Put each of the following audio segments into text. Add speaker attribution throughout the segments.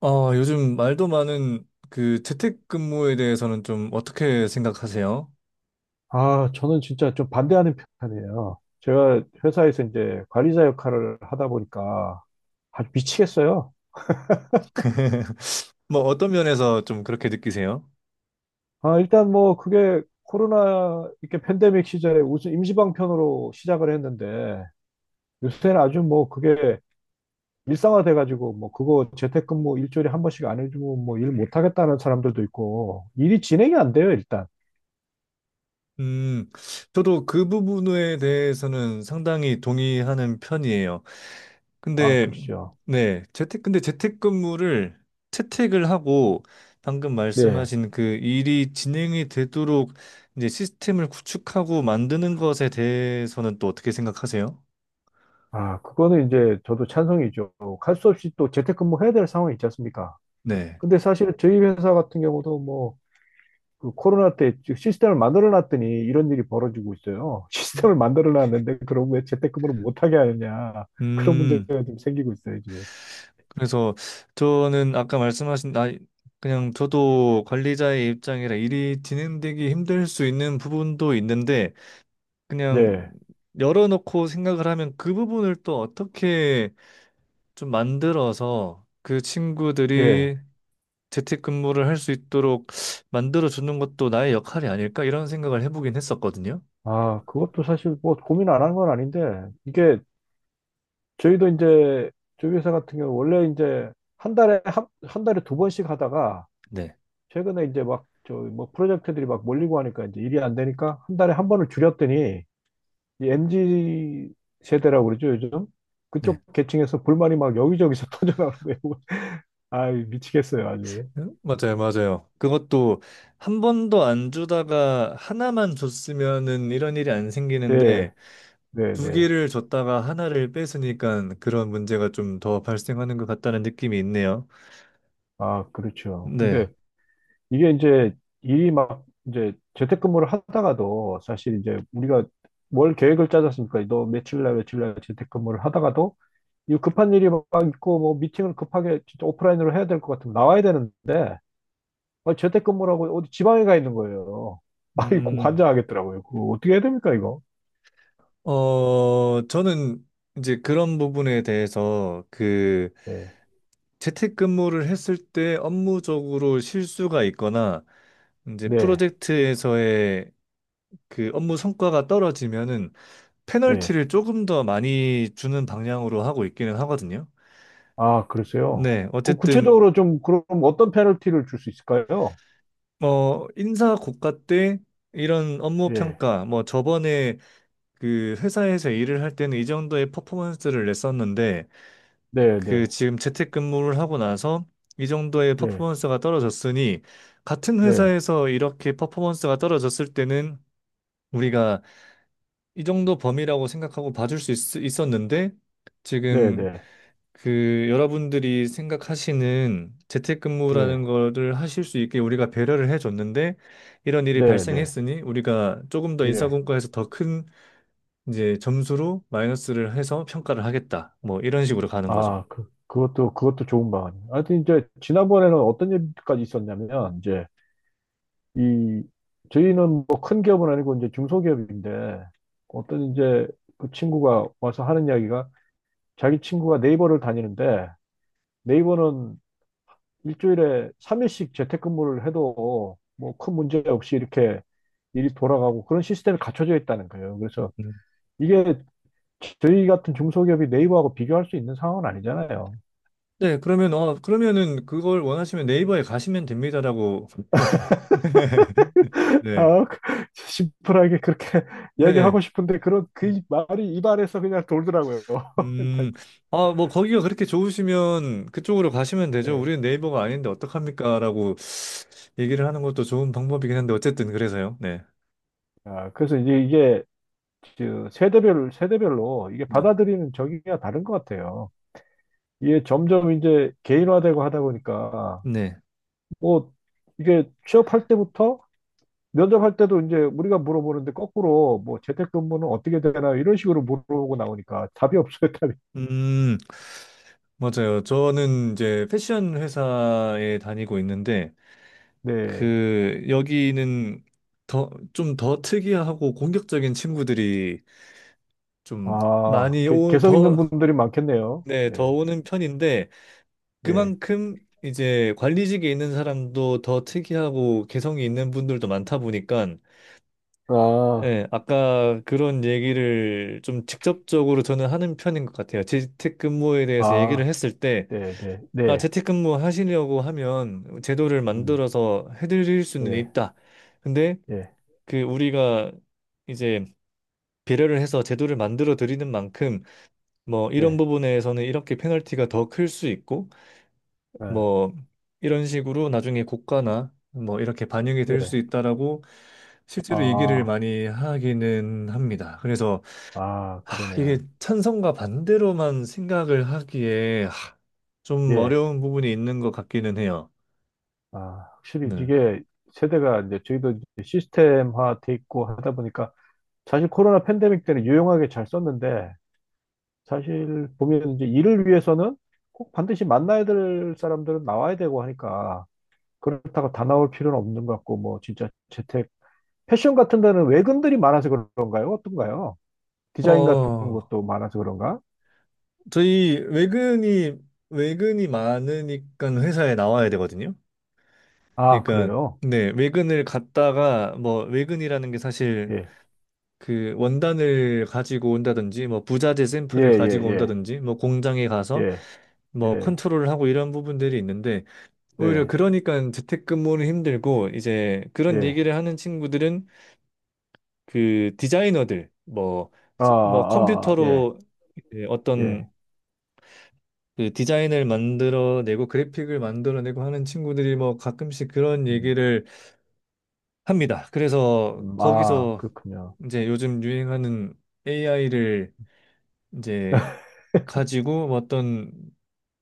Speaker 1: 아, 요즘 말도 많은 그 재택근무에 대해서는 좀 어떻게 생각하세요?
Speaker 2: 아, 저는 진짜 좀 반대하는 편이에요. 제가 회사에서 이제 관리자 역할을 하다 보니까 아주 미치겠어요.
Speaker 1: 뭐 어떤 면에서 좀 그렇게 느끼세요?
Speaker 2: 아, 일단 뭐 그게 코로나 이렇게 팬데믹 시절에 우선 임시방편으로 시작을 했는데 요새는 아주 뭐 그게 일상화돼 가지고 뭐 그거 재택근무 일주일에 한 번씩 안 해주면 뭐 일 못하겠다는 사람들도 있고 일이 진행이 안 돼요, 일단.
Speaker 1: 음, 저도 그 부분에 대해서는 상당히 동의하는 편이에요.
Speaker 2: 아,
Speaker 1: 근데,
Speaker 2: 그죠.
Speaker 1: 네, 근데 재택근무를 채택을 하고 방금
Speaker 2: 네.
Speaker 1: 말씀하신 그 일이 진행이 되도록 이제 시스템을 구축하고 만드는 것에 대해서는 또 어떻게 생각하세요?
Speaker 2: 아, 그거는 이제 저도 찬성이죠. 갈 수 없이 또 재택근무 해야 될 상황이 있지 않습니까?
Speaker 1: 네.
Speaker 2: 근데 사실은 저희 회사 같은 경우도 뭐 그 코로나 때 즉 시스템을 만들어 놨더니 이런 일이 벌어지고 있어요. 시스템을 만들어 놨는데 그럼 왜 재택근무를 못 하게 하느냐, 그런
Speaker 1: 음.
Speaker 2: 문제가 좀 생기고 있어요 지금.
Speaker 1: 그래서 저는 아까 말씀하신 나 그냥 저도 관리자의 입장이라 일이 진행되기 힘들 수 있는 부분도 있는데 그냥
Speaker 2: 네,
Speaker 1: 열어놓고 생각을 하면 그 부분을 또 어떻게 좀 만들어서 그
Speaker 2: 예.
Speaker 1: 친구들이 재택근무를 할 수 있도록 만들어 주는 것도 나의 역할이 아닐까 이런 생각을 해보긴 했었거든요.
Speaker 2: 아, 그것도 사실 뭐 고민 안 한 건 아닌데 이게 저희도 이제 저희 회사 같은 경우 원래 이제 한 달에 두 번씩 하다가
Speaker 1: 네.
Speaker 2: 최근에 이제 막 저 뭐 프로젝트들이 막 몰리고 하니까 이제 일이 안 되니까 한 달에 한 번을 줄였더니 이 MZ 세대라고 그러죠, 요즘?
Speaker 1: 네.
Speaker 2: 그쪽 계층에서 불만이 막 여기저기서 터져나오는데, 아, 미치겠어요, 아주.
Speaker 1: 맞아요, 맞아요. 그것도 한 번도 안 주다가 하나만 줬으면은 이런 일이 안
Speaker 2: 네,
Speaker 1: 생기는데
Speaker 2: 네,
Speaker 1: 두
Speaker 2: 네.
Speaker 1: 개를 줬다가 하나를 뺏으니까 그런 문제가 좀 더 발생하는 것 같다는 느낌이 있네요.
Speaker 2: 아, 그렇죠. 근데
Speaker 1: 네.
Speaker 2: 이게 이제 일이 막 이제 재택근무를 하다가도 사실 이제 우리가 뭘 계획을 짜졌습니까. 너 며칠 날 며칠 날 재택근무를 하다가도 이 급한 일이 막 있고 뭐 미팅을 급하게 진짜 오프라인으로 해야 될 것 같으면 나와야 되는데, 아, 재택근무라고 어디 지방에 가 있는 거예요. 아, 이거
Speaker 1: 음,
Speaker 2: 관장하겠더라고요. 그거 어떻게 해야 됩니까, 이거?
Speaker 1: 저는 이제 그런 부분에 대해서 그
Speaker 2: 네,
Speaker 1: 재택근무를 했을 때 업무적으로 실수가 있거나 이제
Speaker 2: 네,
Speaker 1: 프로젝트에서의 그 업무 성과가 떨어지면은
Speaker 2: 네.
Speaker 1: 페널티를 조금 더 많이 주는 방향으로 하고 있기는 하거든요.
Speaker 2: 아, 그러세요?
Speaker 1: 네,
Speaker 2: 그
Speaker 1: 어쨌든
Speaker 2: 구체적으로 좀 그럼 어떤 페널티를 줄 수 있을까요?
Speaker 1: 뭐 인사 고과 때 이런 업무
Speaker 2: 예,
Speaker 1: 평가 뭐 저번에 그 회사에서 일을 할 때는 이 정도의 퍼포먼스를 냈었는데
Speaker 2: 네,
Speaker 1: 그
Speaker 2: 네,
Speaker 1: 지금 재택근무를 하고 나서 이 정도의
Speaker 2: 네,
Speaker 1: 퍼포먼스가 떨어졌으니 같은
Speaker 2: 네,
Speaker 1: 회사에서 이렇게 퍼포먼스가 떨어졌을 때는 우리가 이 정도 범위라고 생각하고 봐줄 수 있었는데
Speaker 2: 네,
Speaker 1: 지금
Speaker 2: 네,
Speaker 1: 그 여러분들이 생각하시는 재택근무라는
Speaker 2: 예,
Speaker 1: 거를 하실 수 있게 우리가 배려를 해줬는데 이런 일이
Speaker 2: 네, 네,
Speaker 1: 발생했으니 우리가 조금 더
Speaker 2: 예.
Speaker 1: 인사공과에서 더 큰 이제 점수로 마이너스를 해서 평가를 하겠다. 뭐 이런 식으로 가는 거죠.
Speaker 2: 아, 그것도 좋은 방안이에요. 하여튼 이제 지난번에는 어떤 얘기까지 있었냐면, 이제 이, 저희는 뭐 큰 기업은 아니고 이제 중소기업인데, 어떤 이제 그 친구가 와서 하는 이야기가 자기 친구가 네이버를 다니는데, 네이버는 일주일에 3일씩 재택근무를 해도 뭐 큰 문제 없이 이렇게 일이 돌아가고 그런 시스템이 갖춰져 있다는 거예요. 그래서
Speaker 1: 음.
Speaker 2: 이게 저희 같은 중소기업이 네이버하고 비교할 수 있는 상황은 아니잖아요.
Speaker 1: 네, 그러면 어 그러면은 그걸 원하시면 네이버에 가시면 됩니다라고. 네.
Speaker 2: 아, 그- 심플하게 그렇게
Speaker 1: 네.
Speaker 2: 이야기하고 싶은데 그런 그 말이 입안에서 그냥 돌더라고요.
Speaker 1: 음. 아, 뭐 거기가 그렇게 좋으시면 그쪽으로 가시면 되죠.
Speaker 2: 네.
Speaker 1: 우리는 네이버가 아닌데 어떡합니까라고 얘기를 하는 것도 좋은 방법이긴 한데 어쨌든 그래서요. 네.
Speaker 2: 아, 그래서 이제 이게 그 세대별로 이게
Speaker 1: 네.
Speaker 2: 받아들이는 적이가 다른 것 같아요. 이게 점점 이제 개인화되고 하다 보니까
Speaker 1: 네.
Speaker 2: 뭐 이게 취업할 때부터 면접할 때도 이제 우리가 물어보는데 거꾸로 뭐 재택근무는 어떻게 되나 이런 식으로 물어보고 나오니까 답이 없어요, 답이.
Speaker 1: 음, 맞아요. 저는 이제 패션 회사에 다니고 있는데
Speaker 2: 네.
Speaker 1: 그 여기는 더 좀 더 특이하고 공격적인 친구들이 좀
Speaker 2: 아,
Speaker 1: 많이
Speaker 2: 개성 있는 분들이 많겠네요.
Speaker 1: 네, 더
Speaker 2: 예,
Speaker 1: 오는 편인데
Speaker 2: 예.
Speaker 1: 그만큼 이제 관리직에 있는 사람도 더 특이하고 개성이 있는 분들도 많다 보니까
Speaker 2: 아,
Speaker 1: 예, 아까 그런 얘기를 좀 직접적으로 저는 하는 편인 것 같아요. 재택근무에 대해서 얘기를
Speaker 2: 아,
Speaker 1: 했을 때,
Speaker 2: 네, 네,
Speaker 1: 아,
Speaker 2: 네.
Speaker 1: 재택근무 하시려고 하면 제도를
Speaker 2: 음,
Speaker 1: 만들어서 해드릴 수는
Speaker 2: 네,
Speaker 1: 있다. 근데
Speaker 2: 예,
Speaker 1: 그 우리가 이제 배려를 해서 제도를 만들어 드리는 만큼 뭐 이런
Speaker 2: 네,
Speaker 1: 부분에서는 이렇게 페널티가 더 클 수 있고
Speaker 2: 아,
Speaker 1: 뭐 이런 식으로 나중에 고가나 뭐 이렇게 반영이 될 수
Speaker 2: 네.
Speaker 1: 있다라고 실제로 얘기를
Speaker 2: 아,
Speaker 1: 많이 하기는 합니다. 그래서
Speaker 2: 아,
Speaker 1: 아, 이게
Speaker 2: 그러네요.
Speaker 1: 찬성과 반대로만 생각을 하기에 아, 좀
Speaker 2: 예.
Speaker 1: 어려운 부분이 있는 것 같기는 해요.
Speaker 2: 아, 확실히
Speaker 1: 네.
Speaker 2: 이게 세대가 이제 저희도 이제 시스템화 돼 있고 하다 보니까 사실 코로나 팬데믹 때는 유용하게 잘 썼는데 사실 보면 이제 일을 위해서는 꼭 반드시 만나야 될 사람들은 나와야 되고 하니까 그렇다고 다 나올 필요는 없는 것 같고 뭐 진짜 재택 패션 같은 데는 외근들이 많아서 그런가요? 어떤가요? 디자인 같은
Speaker 1: 어,
Speaker 2: 것도 많아서 그런가?
Speaker 1: 저희 외근이 많으니까 회사에 나와야 되거든요.
Speaker 2: 아,
Speaker 1: 그러니까
Speaker 2: 그래요?
Speaker 1: 네, 외근을 갔다가 뭐 외근이라는 게 사실
Speaker 2: 예.
Speaker 1: 그 원단을 가지고 온다든지 뭐 부자재
Speaker 2: 예,
Speaker 1: 샘플을
Speaker 2: 예,
Speaker 1: 가지고
Speaker 2: 예.
Speaker 1: 온다든지 뭐 공장에 가서
Speaker 2: 예.
Speaker 1: 뭐
Speaker 2: 예.
Speaker 1: 컨트롤을 하고 이런 부분들이 있는데 오히려
Speaker 2: 예.
Speaker 1: 그러니까 재택근무는 힘들고 이제 그런
Speaker 2: 예.
Speaker 1: 얘기를 하는 친구들은 그 디자이너들 뭐,
Speaker 2: 아, 아,
Speaker 1: 뭐
Speaker 2: 아, 아, 예.
Speaker 1: 컴퓨터로 이제
Speaker 2: 예.
Speaker 1: 어떤 그 디자인을 만들어내고 그래픽을 만들어내고 하는 친구들이 뭐 가끔씩 그런
Speaker 2: 음,
Speaker 1: 얘기를 합니다. 그래서
Speaker 2: 아,
Speaker 1: 거기서
Speaker 2: 그렇군요.
Speaker 1: 이제 요즘 유행하는 AI를 이제 가지고 어떤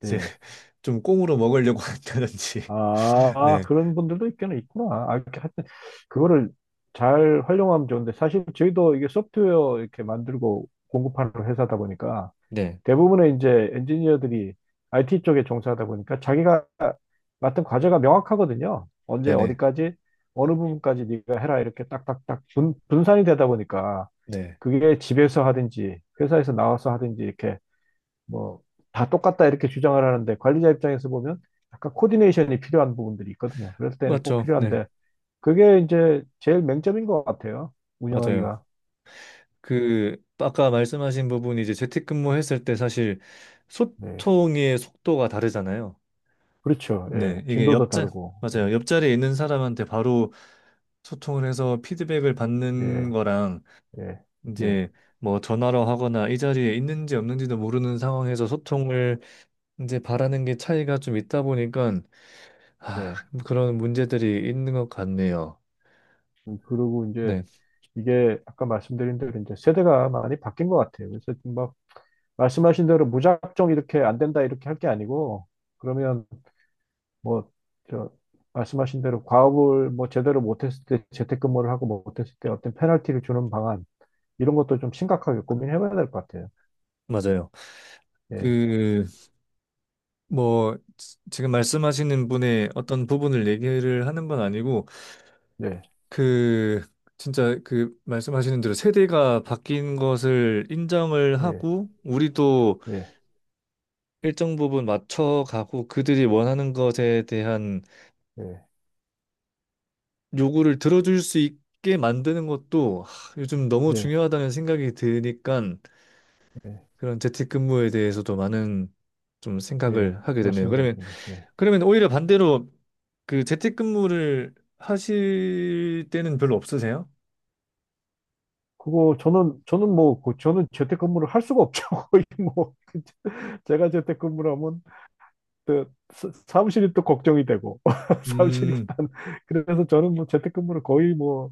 Speaker 1: 이제
Speaker 2: 예.
Speaker 1: 좀 꽁으로 먹으려고 한다든지
Speaker 2: 아,
Speaker 1: 네.
Speaker 2: 그런 분들도 있기는 있구나. 아, 이렇게 하여튼, 그거를 잘 활용하면 좋은데, 사실 저희도 이게 소프트웨어 이렇게 만들고 공급하는 회사다 보니까,
Speaker 1: 네.
Speaker 2: 대부분의 이제 엔지니어들이 IT 쪽에 종사하다 보니까, 자기가 맡은 과제가 명확하거든요. 언제
Speaker 1: 네네.
Speaker 2: 어디까지, 어느 부분까지 네가 해라, 이렇게 딱딱딱 분산이 되다 보니까,
Speaker 1: 네.
Speaker 2: 그게 집에서 하든지, 회사에서 나와서 하든지, 이렇게 뭐 다 똑같다 이렇게 주장을 하는데 관리자 입장에서 보면 약간 코디네이션이 필요한 부분들이 있거든요. 그럴 때는 꼭
Speaker 1: 맞죠. 네.
Speaker 2: 필요한데 그게 이제 제일 맹점인 것 같아요.
Speaker 1: 맞아요.
Speaker 2: 운영하기가.
Speaker 1: 그 아까 말씀하신 부분이 이제 재택근무했을 때 사실
Speaker 2: 네.
Speaker 1: 소통의 속도가 다르잖아요.
Speaker 2: 그렇죠.
Speaker 1: 네,
Speaker 2: 예.
Speaker 1: 이게
Speaker 2: 진도도
Speaker 1: 옆자
Speaker 2: 다르고. 예.
Speaker 1: 맞아요. 옆자리에 있는 사람한테 바로 소통을 해서 피드백을 받는
Speaker 2: 예.
Speaker 1: 거랑
Speaker 2: 예. 예.
Speaker 1: 이제 뭐 전화로 하거나 이 자리에 있는지 없는지도 모르는 상황에서 소통을 이제 바라는 게 차이가 좀 있다 보니까 아,
Speaker 2: 네.
Speaker 1: 그런 문제들이 있는 것 같네요.
Speaker 2: 그리고 이제
Speaker 1: 네,
Speaker 2: 이게 아까 말씀드린 대로 이제 세대가 많이 바뀐 것 같아요. 그래서 지금 막 말씀하신 대로 무작정 이렇게 안 된다 이렇게 할 게 아니고 그러면 뭐, 저, 말씀하신 대로 과업을 뭐 제대로 못했을 때, 재택근무를 하고 못했을 때 어떤 페널티를 주는 방안, 이런 것도 좀 심각하게 고민해봐야 될 것 같아요.
Speaker 1: 맞아요.
Speaker 2: 예,
Speaker 1: 그 뭐 지- 금 말씀하시는 분의 어떤 부분을 얘기를 하는 건 아니고
Speaker 2: 네,
Speaker 1: 그 진짜 그 말씀하시는 대로 세대가 바뀐 것을 인정을
Speaker 2: 예,
Speaker 1: 하고 우리도
Speaker 2: 예,
Speaker 1: 일정 부분 맞춰가고 그들이 원하는 것에 대한
Speaker 2: 예,
Speaker 1: 요구를 들어줄 수 있게 만드는 것도 하, 요즘 너무
Speaker 2: 예,
Speaker 1: 중요하다는 생각이 드니까
Speaker 2: 예,
Speaker 1: 그런 재택근무에 대해서도 많은 좀
Speaker 2: 예.
Speaker 1: 생각을 하게 되네요.
Speaker 2: 맞습니다.
Speaker 1: 그러면
Speaker 2: 저는. 예.
Speaker 1: 그러면 오히려 반대로 그 재택근무를 하실 때는 별로 없으세요?
Speaker 2: 그거 저는 뭐, 저는 재택근무를 할 수가 없죠. 거의 뭐, 제가 재택근무를 하면 또 사무실이 또 걱정이 되고, 사무실이
Speaker 1: 음,
Speaker 2: 일단, 그래서 저는 뭐 재택근무를 거의 뭐,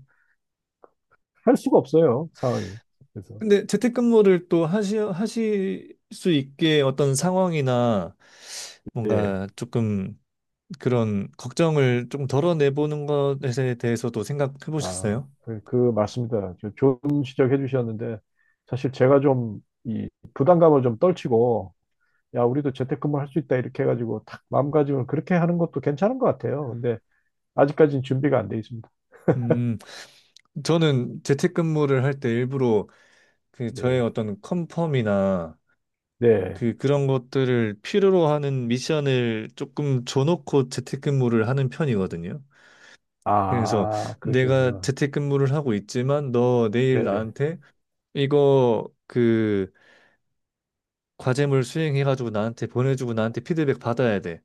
Speaker 2: 할 수가 없어요. 상황이. 그래서.
Speaker 1: 근데 재택근무를 또 하실 수 있게 어떤 상황이나
Speaker 2: 예.
Speaker 1: 뭔가 조금 그런 걱정을 좀 덜어내보는 것에 대해서도 생각해
Speaker 2: 아,
Speaker 1: 보셨어요?
Speaker 2: 그 맞습니다. 좋은 지적해 주셨는데 사실 제가 좀 이 부담감을 좀 떨치고 야, 우리도 재택근무 할 수 있다 이렇게 해가지고 탁 마음가짐을 그렇게 하는 것도 괜찮은 것 같아요. 근데 아직까지는 준비가 안 돼 있습니다.
Speaker 1: 음, 저는 재택근무를 할 때 일부러 그 저의
Speaker 2: 네.
Speaker 1: 어떤 컨펌이나
Speaker 2: 네.
Speaker 1: 그 그런 것들을 필요로 하는 미션을 조금 줘놓고 재택근무를 하는 편이거든요. 그래서
Speaker 2: 아,
Speaker 1: 내가
Speaker 2: 그러시구나.
Speaker 1: 재택근무를 하고 있지만 너 내일
Speaker 2: 네.
Speaker 1: 나한테 이거 그 과제물 수행해가지고 나한테 보내주고 나한테 피드백 받아야 돼.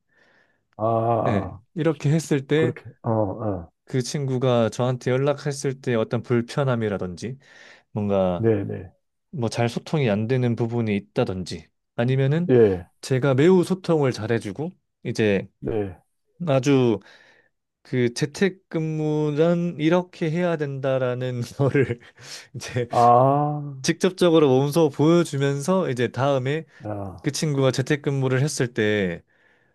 Speaker 2: 아,
Speaker 1: 예.
Speaker 2: 아,
Speaker 1: 이렇게 했을 때
Speaker 2: 그렇게. 어, 어.
Speaker 1: 그 친구가 저한테 연락했을 때 어떤 불편함이라든지 뭔가
Speaker 2: 네, 네.
Speaker 1: 뭐 잘 소통이 안 되는 부분이 있다든지 아니면은
Speaker 2: 예.
Speaker 1: 제가 매우 소통을 잘해주고 이제
Speaker 2: 네.
Speaker 1: 아주 그 재택근무는 이렇게 해야 된다라는 거를 이제
Speaker 2: 아,
Speaker 1: 직접적으로 몸소 보여주면서 이제 다음에
Speaker 2: 아.
Speaker 1: 그 친구가 재택근무를 했을 때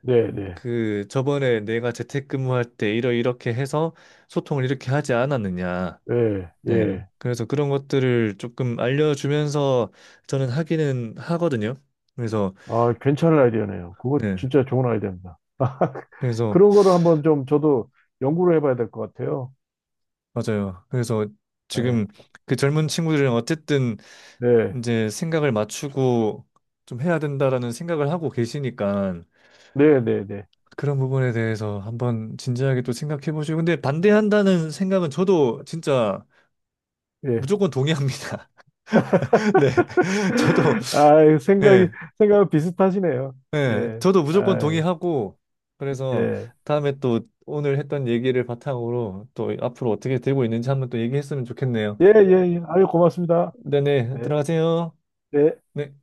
Speaker 2: 네, 네.
Speaker 1: 그 저번에 내가 재택근무할 때 이러 이렇게 해서 소통을 이렇게 하지 않았느냐.
Speaker 2: 예,
Speaker 1: 네.
Speaker 2: 예.
Speaker 1: 그래서 그런 것들을 조금 알려주면서 저는 하기는 하거든요. 그래서
Speaker 2: 아, 괜찮은 아이디어네요. 그거
Speaker 1: 네.
Speaker 2: 진짜 좋은 아이디어입니다.
Speaker 1: 그래서
Speaker 2: 그런 거를 한번 좀 저도 연구를 해봐야 될 것 같아요.
Speaker 1: 맞아요. 그래서
Speaker 2: 네,
Speaker 1: 지금 그 젊은 친구들은 어쨌든
Speaker 2: 네,
Speaker 1: 이제 생각을 맞추고 좀 해야 된다라는 생각을 하고 계시니까
Speaker 2: 네, 네, 네.
Speaker 1: 그런 부분에 대해서 한번 진지하게 또 생각해 보시고 근데 반대한다는 생각은 저도 진짜
Speaker 2: 예.
Speaker 1: 무조건 동의합니다. 네. 저도
Speaker 2: 아, 생각이
Speaker 1: 예.
Speaker 2: 생각은 비슷하시네요.
Speaker 1: 예.
Speaker 2: 예,
Speaker 1: 저도 무조건
Speaker 2: 아, 예,
Speaker 1: 동의하고 그래서
Speaker 2: 예,
Speaker 1: 다음에 또 오늘 했던 얘기를 바탕으로 또 앞으로 어떻게 되고 있는지 한번 또 얘기했으면 좋겠네요.
Speaker 2: 예, 예. 아유, 고맙습니다.
Speaker 1: 네네.
Speaker 2: 네,
Speaker 1: 들어가세요.
Speaker 2: 네.
Speaker 1: 네.